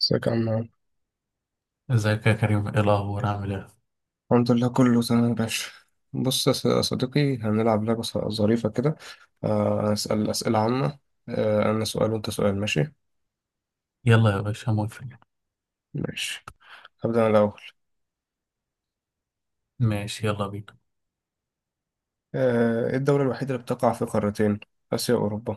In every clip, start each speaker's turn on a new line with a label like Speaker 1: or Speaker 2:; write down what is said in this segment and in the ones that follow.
Speaker 1: ازيك يا عم.
Speaker 2: ازيك يا كريم؟ ايه الاخبار؟ عامل ايه؟
Speaker 1: الحمد لله، كله تمام يا باشا. بص يا يا صديقي، هنلعب لعبة ظريفة كده. هنسأل أسئلة عامة. أنا سؤال وأنت سؤال، ماشي؟
Speaker 2: يلا يا باشا، موافق.
Speaker 1: ماشي، هبدأ أنا الأول.
Speaker 2: ماشي يلا بينا.
Speaker 1: إيه الدولة الوحيدة اللي بتقع في قارتين؟ آسيا وأوروبا.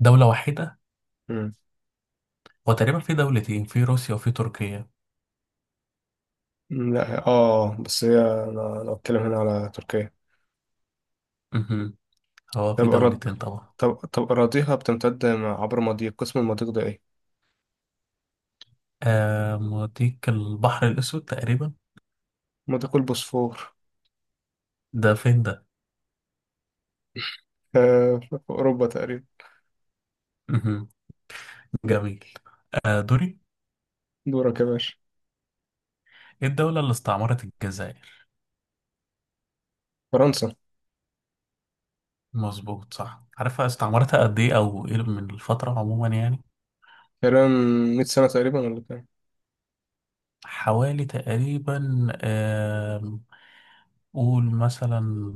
Speaker 2: دولة واحدة.
Speaker 1: مم.
Speaker 2: هو تقريبا في دولتين، في روسيا وفي تركيا.
Speaker 1: لا، بس هي، أنا لو أتكلم هنا على تركيا.
Speaker 2: امم. هو في
Speaker 1: طب أراض
Speaker 2: دولتين طبعا.
Speaker 1: طب أراضيها بتمتد عبر مضيق، قسم المضيق ده إيه؟
Speaker 2: آه، موديك البحر الاسود تقريبا.
Speaker 1: مضيق البوسفور.
Speaker 2: ده فين ده؟
Speaker 1: آه، في أوروبا تقريبا.
Speaker 2: امم. جميل. آه، دوري.
Speaker 1: دورك يا باشا.
Speaker 2: ايه الدولة اللي استعمرت الجزائر؟
Speaker 1: فرنسا.
Speaker 2: مظبوط صح. عارفها استعمرتها قد ايه، او ايه من الفترة عموما يعني؟
Speaker 1: تقريبا 100 سنة تقريبا ولا كام؟
Speaker 2: حوالي تقريبا قول مثلا.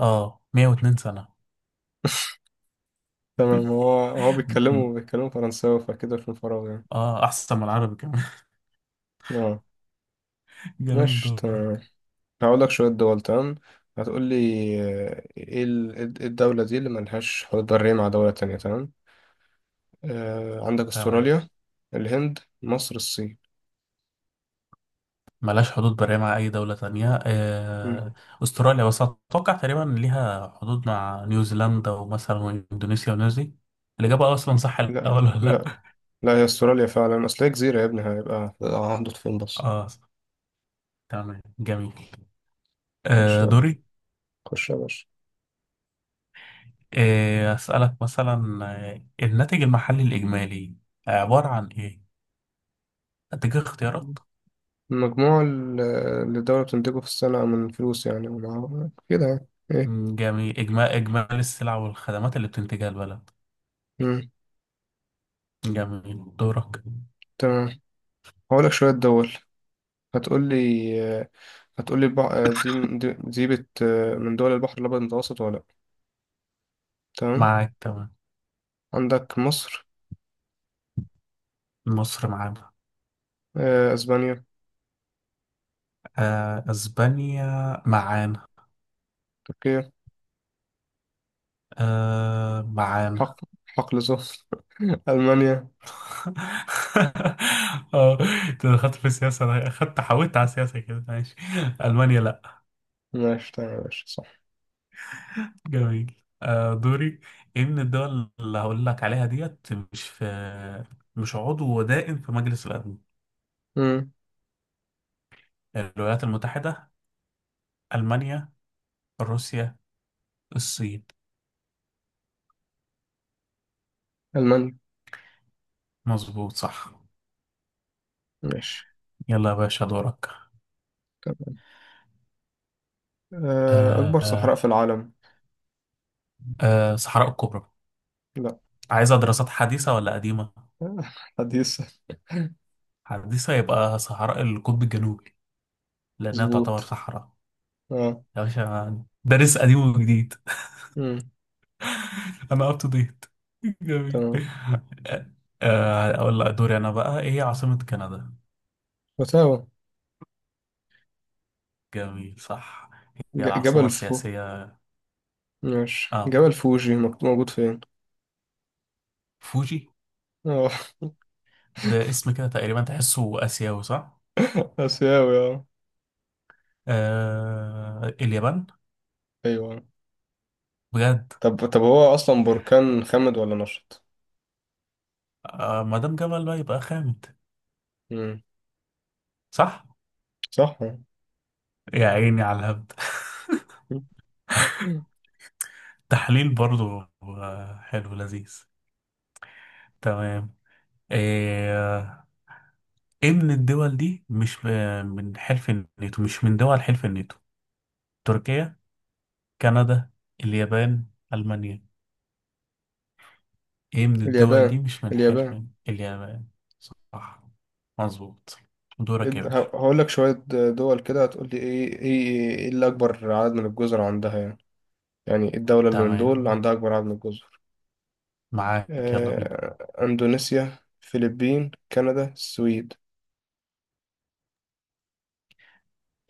Speaker 2: اه، 102 سنة.
Speaker 1: تمام. هو بيتكلموا بيتكلموا فرنساوي، فكده في الفراغ يعني.
Speaker 2: اه، احسن من العربي كمان.
Speaker 1: اه.
Speaker 2: جميل،
Speaker 1: ماشي تمام.
Speaker 2: دورك.
Speaker 1: هقول لك شوية دول، تمام؟ هتقول لي. إيه الدولة دي اللي ملهاش حدود برية مع دولة تانية، تمام؟ عندك
Speaker 2: تمام.
Speaker 1: استراليا، الهند، مصر، الصين.
Speaker 2: ملهاش حدود برية مع اي دولة تانية
Speaker 1: مم.
Speaker 2: استراليا، بس اتوقع تقريبا ليها حدود مع نيوزيلندا ومثلا اندونيسيا ونيوزي. الاجابة اصلا صح
Speaker 1: لا،
Speaker 2: الاول
Speaker 1: لا،
Speaker 2: ولا
Speaker 1: لا.
Speaker 2: لا؟
Speaker 1: لا، هي استراليا فعلا، اصل هي جزيرة يا ابني، هيبقى هحدود فين بس.
Speaker 2: اه، صح. تمام، جميل.
Speaker 1: ماشي
Speaker 2: آه،
Speaker 1: يلا.
Speaker 2: دوري.
Speaker 1: خش يا باشا.
Speaker 2: آه، اسألك مثلا. آه، الناتج المحلي الاجمالي عبارة عن ايه؟ اديك اختيارات.
Speaker 1: المجموع ال- اللي الدولة بتنتجه في السنة من فلوس يعني كده يعني.
Speaker 2: مم، جميل. إجمالي السلع والخدمات اللي بتنتجها البلد.
Speaker 1: ايه.
Speaker 2: جميل، دورك.
Speaker 1: تمام. هقولك شوية دول، هتقولي هتقولي. دي دي, دي بت... من دول البحر الأبيض المتوسط ولا لأ، تمام؟
Speaker 2: معاك، تمام.
Speaker 1: عندك مصر.
Speaker 2: مصر معانا.
Speaker 1: أسبانيا.
Speaker 2: آه، اسبانيا معانا.
Speaker 1: تركيا.
Speaker 2: آه، معانا.
Speaker 1: حق حقل زهر. ألمانيا.
Speaker 2: اه، انت دخلت في السياسة، انا حاولت على السياسة كده، ماشي. المانيا لا.
Speaker 1: ماشي تمام يا باشا، صح.
Speaker 2: جميل. آه، دوري. ايه من الدول اللي هقول لك عليها ديت مش عضو دائم في مجلس الامن؟
Speaker 1: مم.
Speaker 2: الولايات المتحدة، المانيا، روسيا، الصين.
Speaker 1: ألمانيا.
Speaker 2: مظبوط، صح.
Speaker 1: ماشي
Speaker 2: يلا يا باشا، دورك.
Speaker 1: تمام.
Speaker 2: آه،
Speaker 1: أكبر صحراء في
Speaker 2: آه،
Speaker 1: العالم.
Speaker 2: صحراء الكبرى.
Speaker 1: لأ.
Speaker 2: عايزة دراسات حديثة ولا قديمة؟
Speaker 1: حديثة.
Speaker 2: حديثة، يبقى صحراء القطب الجنوبي، لأنها تعتبر
Speaker 1: مظبوط،
Speaker 2: صحراء.
Speaker 1: اه.
Speaker 2: يا باشا دارس قديم وجديد.
Speaker 1: مم.
Speaker 2: أنا أب تو ديت. جميل.
Speaker 1: تمام.
Speaker 2: آه، أقول لك دوري أنا بقى، إيه هي عاصمة كندا؟
Speaker 1: وتاوا.
Speaker 2: جميل، صح. هي العاصمة
Speaker 1: جبل فو.
Speaker 2: السياسية.
Speaker 1: ماشي،
Speaker 2: آه،
Speaker 1: جبل فوجي موجود فين؟
Speaker 2: فوجي.
Speaker 1: اه.
Speaker 2: ده اسم كده تقريبا تحسه آسيوي، صح؟
Speaker 1: آسيوي، اه.
Speaker 2: آه، اليابان.
Speaker 1: ايوه.
Speaker 2: بجد؟
Speaker 1: طب هو اصلا بركان خمد ولا نشط؟
Speaker 2: آه، ما دام جبل بقى يبقى خامد.
Speaker 1: امم
Speaker 2: صح؟
Speaker 1: صح.
Speaker 2: يا عيني على الهبد.
Speaker 1: مم.
Speaker 2: تحليل برضو، حلو لذيذ. تمام. ايه إيه من الدول دي مش م- من حلف الناتو مش من دول حلف الناتو؟ تركيا، كندا، اليابان، المانيا. ايه من الدول
Speaker 1: اليابان.
Speaker 2: دي مش من حلف
Speaker 1: اليابان.
Speaker 2: اليابان، صح مظبوط. دورك يا باشا.
Speaker 1: هقول لك شوية دول كده، هتقول لي ايه اللي اكبر عدد من الجزر عندها يعني. يعني إيه الدولة اللي من دول
Speaker 2: تمام،
Speaker 1: عندها اكبر عدد من الجزر؟
Speaker 2: معاك، يلا بينا.
Speaker 1: اندونيسيا، فلبين، كندا، السويد.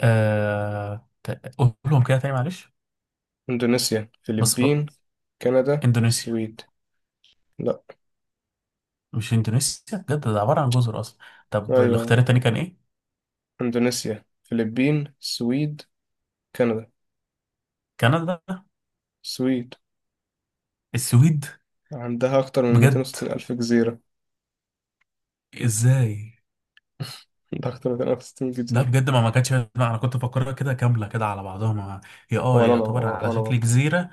Speaker 2: قولهم كده تاني معلش.
Speaker 1: اندونيسيا،
Speaker 2: بس
Speaker 1: فلبين،
Speaker 2: بقى.
Speaker 1: كندا،
Speaker 2: اندونيسيا.
Speaker 1: السويد. لا.
Speaker 2: مش اندونيسيا بجد؟ ده عبارة عن جزر اصلا. طب
Speaker 1: ايوه.
Speaker 2: الاختيار التاني كان ايه؟
Speaker 1: اندونيسيا، فلبين، السويد، كندا،
Speaker 2: كندا،
Speaker 1: السويد.
Speaker 2: السويد.
Speaker 1: عندها أكتر من
Speaker 2: بجد؟
Speaker 1: 260 ألف جزيرة.
Speaker 2: ازاي؟
Speaker 1: عندها أكتر من 260
Speaker 2: لا
Speaker 1: جزيرة.
Speaker 2: بجد، ما كانتش. لا، انا كنت فاكرها كده كامله كده على بعضها ما. هي
Speaker 1: ولا أنا،
Speaker 2: يعتبر على
Speaker 1: وأنا
Speaker 2: شكل
Speaker 1: برضه.
Speaker 2: جزيره.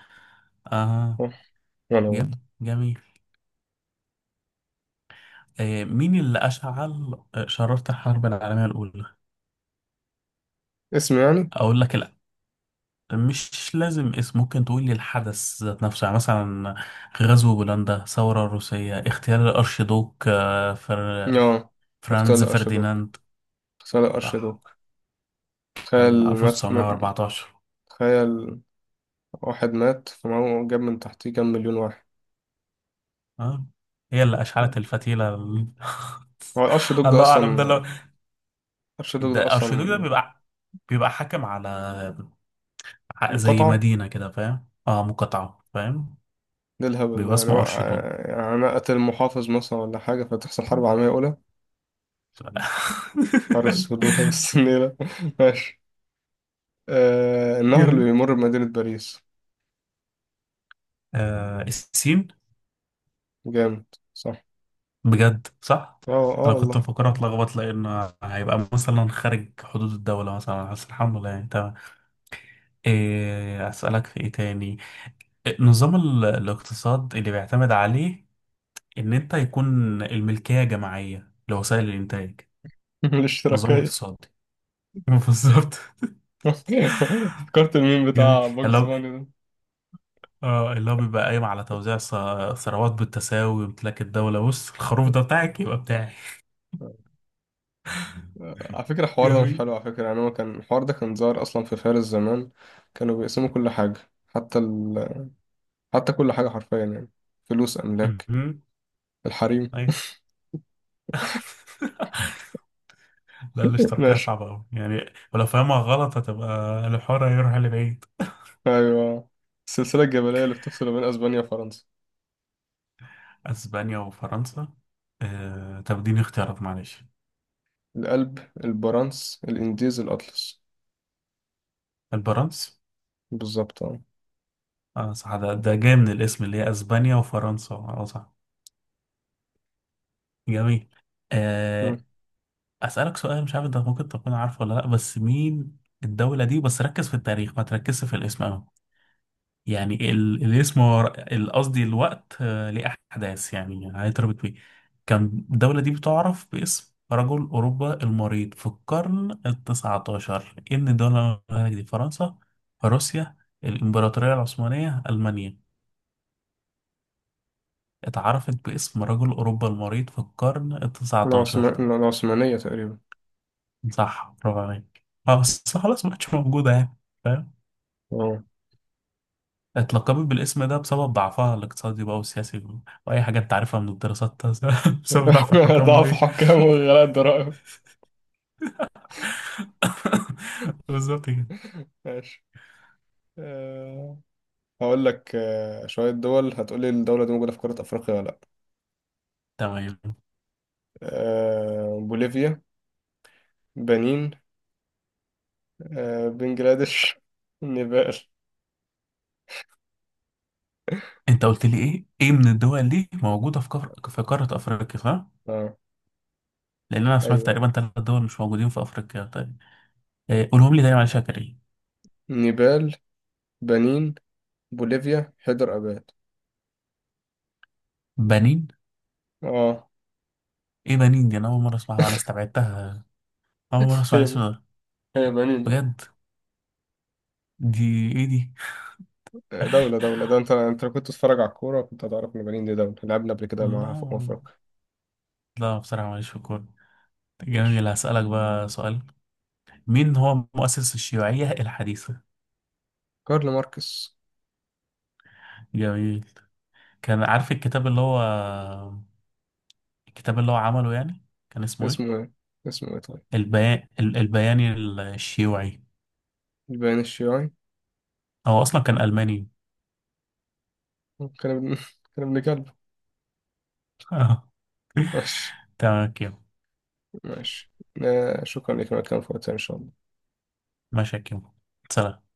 Speaker 2: اه.
Speaker 1: صح؟ وأنا برضه.
Speaker 2: جميل، جميل. آه، مين اللي اشعل شراره الحرب العالميه الاولى؟
Speaker 1: اسم يعني؟
Speaker 2: اقول لك لا. مش لازم اسم، ممكن تقول لي الحدث ذات نفسه يعني، مثلا: غزو بولندا، ثوره روسيه، اغتيال الارشيدوك،
Speaker 1: آه. اغتيال
Speaker 2: فرانز
Speaker 1: الأرشيدوك.
Speaker 2: فرديناند.
Speaker 1: اغتيال
Speaker 2: صح.
Speaker 1: الأرشيدوك.
Speaker 2: كان
Speaker 1: تخيل مات.
Speaker 2: 1914.
Speaker 1: تخيل، واحد مات فمعه جاب من تحتيه كام مليون واحد.
Speaker 2: اه. هي اللي اشعلت الفتيله
Speaker 1: هو الأرشيدوك ده
Speaker 2: الله اعلم ده.
Speaker 1: أصلا. الأرشيدوك ده
Speaker 2: ده ارشيدوك، ده
Speaker 1: أصلا.
Speaker 2: بيبقى حاكم على، زي
Speaker 1: انقطع.
Speaker 2: مدينة كده، فاهم؟ اه مقاطعة، فاهم.
Speaker 1: ده الهبل
Speaker 2: بيبقى
Speaker 1: يعني,
Speaker 2: اسمه
Speaker 1: وقع...
Speaker 2: ارشيدوك.
Speaker 1: يعني أنا قتل محافظ مثلا ولا حاجة، فتحصل حرب عالمية أولى؟
Speaker 2: ف-
Speaker 1: حارس هدومها بس، النيلة. ماشي. النهر اللي
Speaker 2: جميل.
Speaker 1: بيمر بمدينة باريس.
Speaker 2: آه، السين.
Speaker 1: جامد. صح.
Speaker 2: بجد، صح.
Speaker 1: اه، اه،
Speaker 2: انا كنت
Speaker 1: والله.
Speaker 2: مفكرها اتلخبط لان هيبقى مثلا خارج حدود الدولة مثلا، بس الحمد لله يعني تمام. إيه، اسألك في ايه تاني. إيه، نظام الاقتصاد اللي بيعتمد عليه ان انت يكون الملكية جماعية لوسائل الانتاج. نظام
Speaker 1: الاشتراكية.
Speaker 2: اقتصادي. بالظبط.
Speaker 1: فكرت الميم
Speaker 2: جميل،
Speaker 1: بتاع
Speaker 2: اللي
Speaker 1: باجز
Speaker 2: هو
Speaker 1: باني ده.
Speaker 2: اه اللي هو بيبقى قايم على توزيع ثروات بالتساوي وامتلاك الدولة. بص، الخروف ده بتاعك يبقى بتاعي.
Speaker 1: على فكرة الحوار ده مش
Speaker 2: جميل.
Speaker 1: حلو على فكرة، يعني هو كان الحوار ده كان ظاهر أصلا في فارس زمان. كانوا بيقسموا كل حاجة. حتى ال... حتى كل حاجة حرفيا يعني. فلوس، أملاك،
Speaker 2: مهم.
Speaker 1: الحريم.
Speaker 2: أي. لا، الاشتراكية
Speaker 1: ماشي.
Speaker 2: صعبة أوي يعني، ولو فاهمها غلط هتبقى الحوار هيروح لبعيد.
Speaker 1: أيوة. السلسلة الجبلية اللي بتفصل بين أسبانيا وفرنسا.
Speaker 2: أسبانيا وفرنسا. آه، طب اديني اختيارات معلش.
Speaker 1: الألب، البرانس، الإنديز، الأطلس.
Speaker 2: البرنس.
Speaker 1: بالظبط، اه.
Speaker 2: اه صح، ده جاي من الاسم اللي هي أسبانيا وفرنسا، اه صح. جميل. آه،
Speaker 1: مم.
Speaker 2: أسألك سؤال مش عارف أنت ممكن تكون عارفه ولا لأ، بس مين الدولة دي؟ بس ركز في التاريخ ما تركزش في الاسم أوي. يعني الاسم هو قصدي الوقت، ليه أحداث يعني هيتربط بيه. كان الدولة دي بتعرف باسم رجل أوروبا المريض في القرن التسعتاشر. إن الدولة دي فرنسا، روسيا، الإمبراطورية العثمانية، ألمانيا؟ اتعرفت باسم رجل أوروبا المريض في القرن التسعتاشر؟
Speaker 1: العثمانية تقريبا.
Speaker 2: صح، برافو عليك. اه بس خلاص ما عادش موجودة يعني.
Speaker 1: اه.
Speaker 2: اتلقبت بالاسم ده بسبب ضعفها الاقتصادي بقى والسياسي واي حاجه انت عارفها من الدراسات. بسبب ضعف الحكام
Speaker 1: ضعف
Speaker 2: وايه؟
Speaker 1: حكام وغلاء الضرائب.
Speaker 2: بالظبط كده.
Speaker 1: ماشي. أه هقول لك شوية دول، هتقولي الدولة دي موجودة في قارة أفريقيا ولا لأ.
Speaker 2: تمام.
Speaker 1: بوليفيا، بنين، بنجلاديش. نيبال.
Speaker 2: انت قلت لي ايه من الدول دي موجوده في قاره افريقيا، صح؟
Speaker 1: اه.
Speaker 2: لان انا سمعت
Speaker 1: أيوه.
Speaker 2: تقريبا ثلاث دول مش موجودين في افريقيا. طيب. إيه، قولهم لي تاني معلش يا كريم.
Speaker 1: نيبال، بنين، بوليفيا، حيدر أباد.
Speaker 2: بنين.
Speaker 1: اه.
Speaker 2: ايه بنين دي؟ انا اول مره اسمعها، انا استبعدتها. اول مره اسمع الاسم
Speaker 1: هي
Speaker 2: ده.
Speaker 1: هي بنين، اه.
Speaker 2: بجد؟ دي ايه دي؟
Speaker 1: دولة ده، انت لو كنت تتفرج على الكورة كنت هتعرف ان بنين دي دولة لعبنا قبل كده معاها في أمم
Speaker 2: لا،
Speaker 1: أفريقيا.
Speaker 2: لا، بصراحه ماليش في الكوره.
Speaker 1: ماشي.
Speaker 2: جميل، هسألك بقى سؤال. مين هو مؤسس الشيوعية الحديثة؟
Speaker 1: كارل ماركس.
Speaker 2: جميل. كان عارف الكتاب اللي هو. الكتاب اللي هو عمله يعني، كان اسمه ايه؟
Speaker 1: اسمه ايه؟ اسمه ايه طيب؟
Speaker 2: البيان الشيوعي.
Speaker 1: البيان الشيوعي.
Speaker 2: هو أصلا كان ألماني.
Speaker 1: كلام كلام لكلب. ماشي.
Speaker 2: تمام كده.
Speaker 1: ماشي شكرا لك على الكلام في وقتها إن شاء الله.
Speaker 2: ماشي يا كيمو. سلام.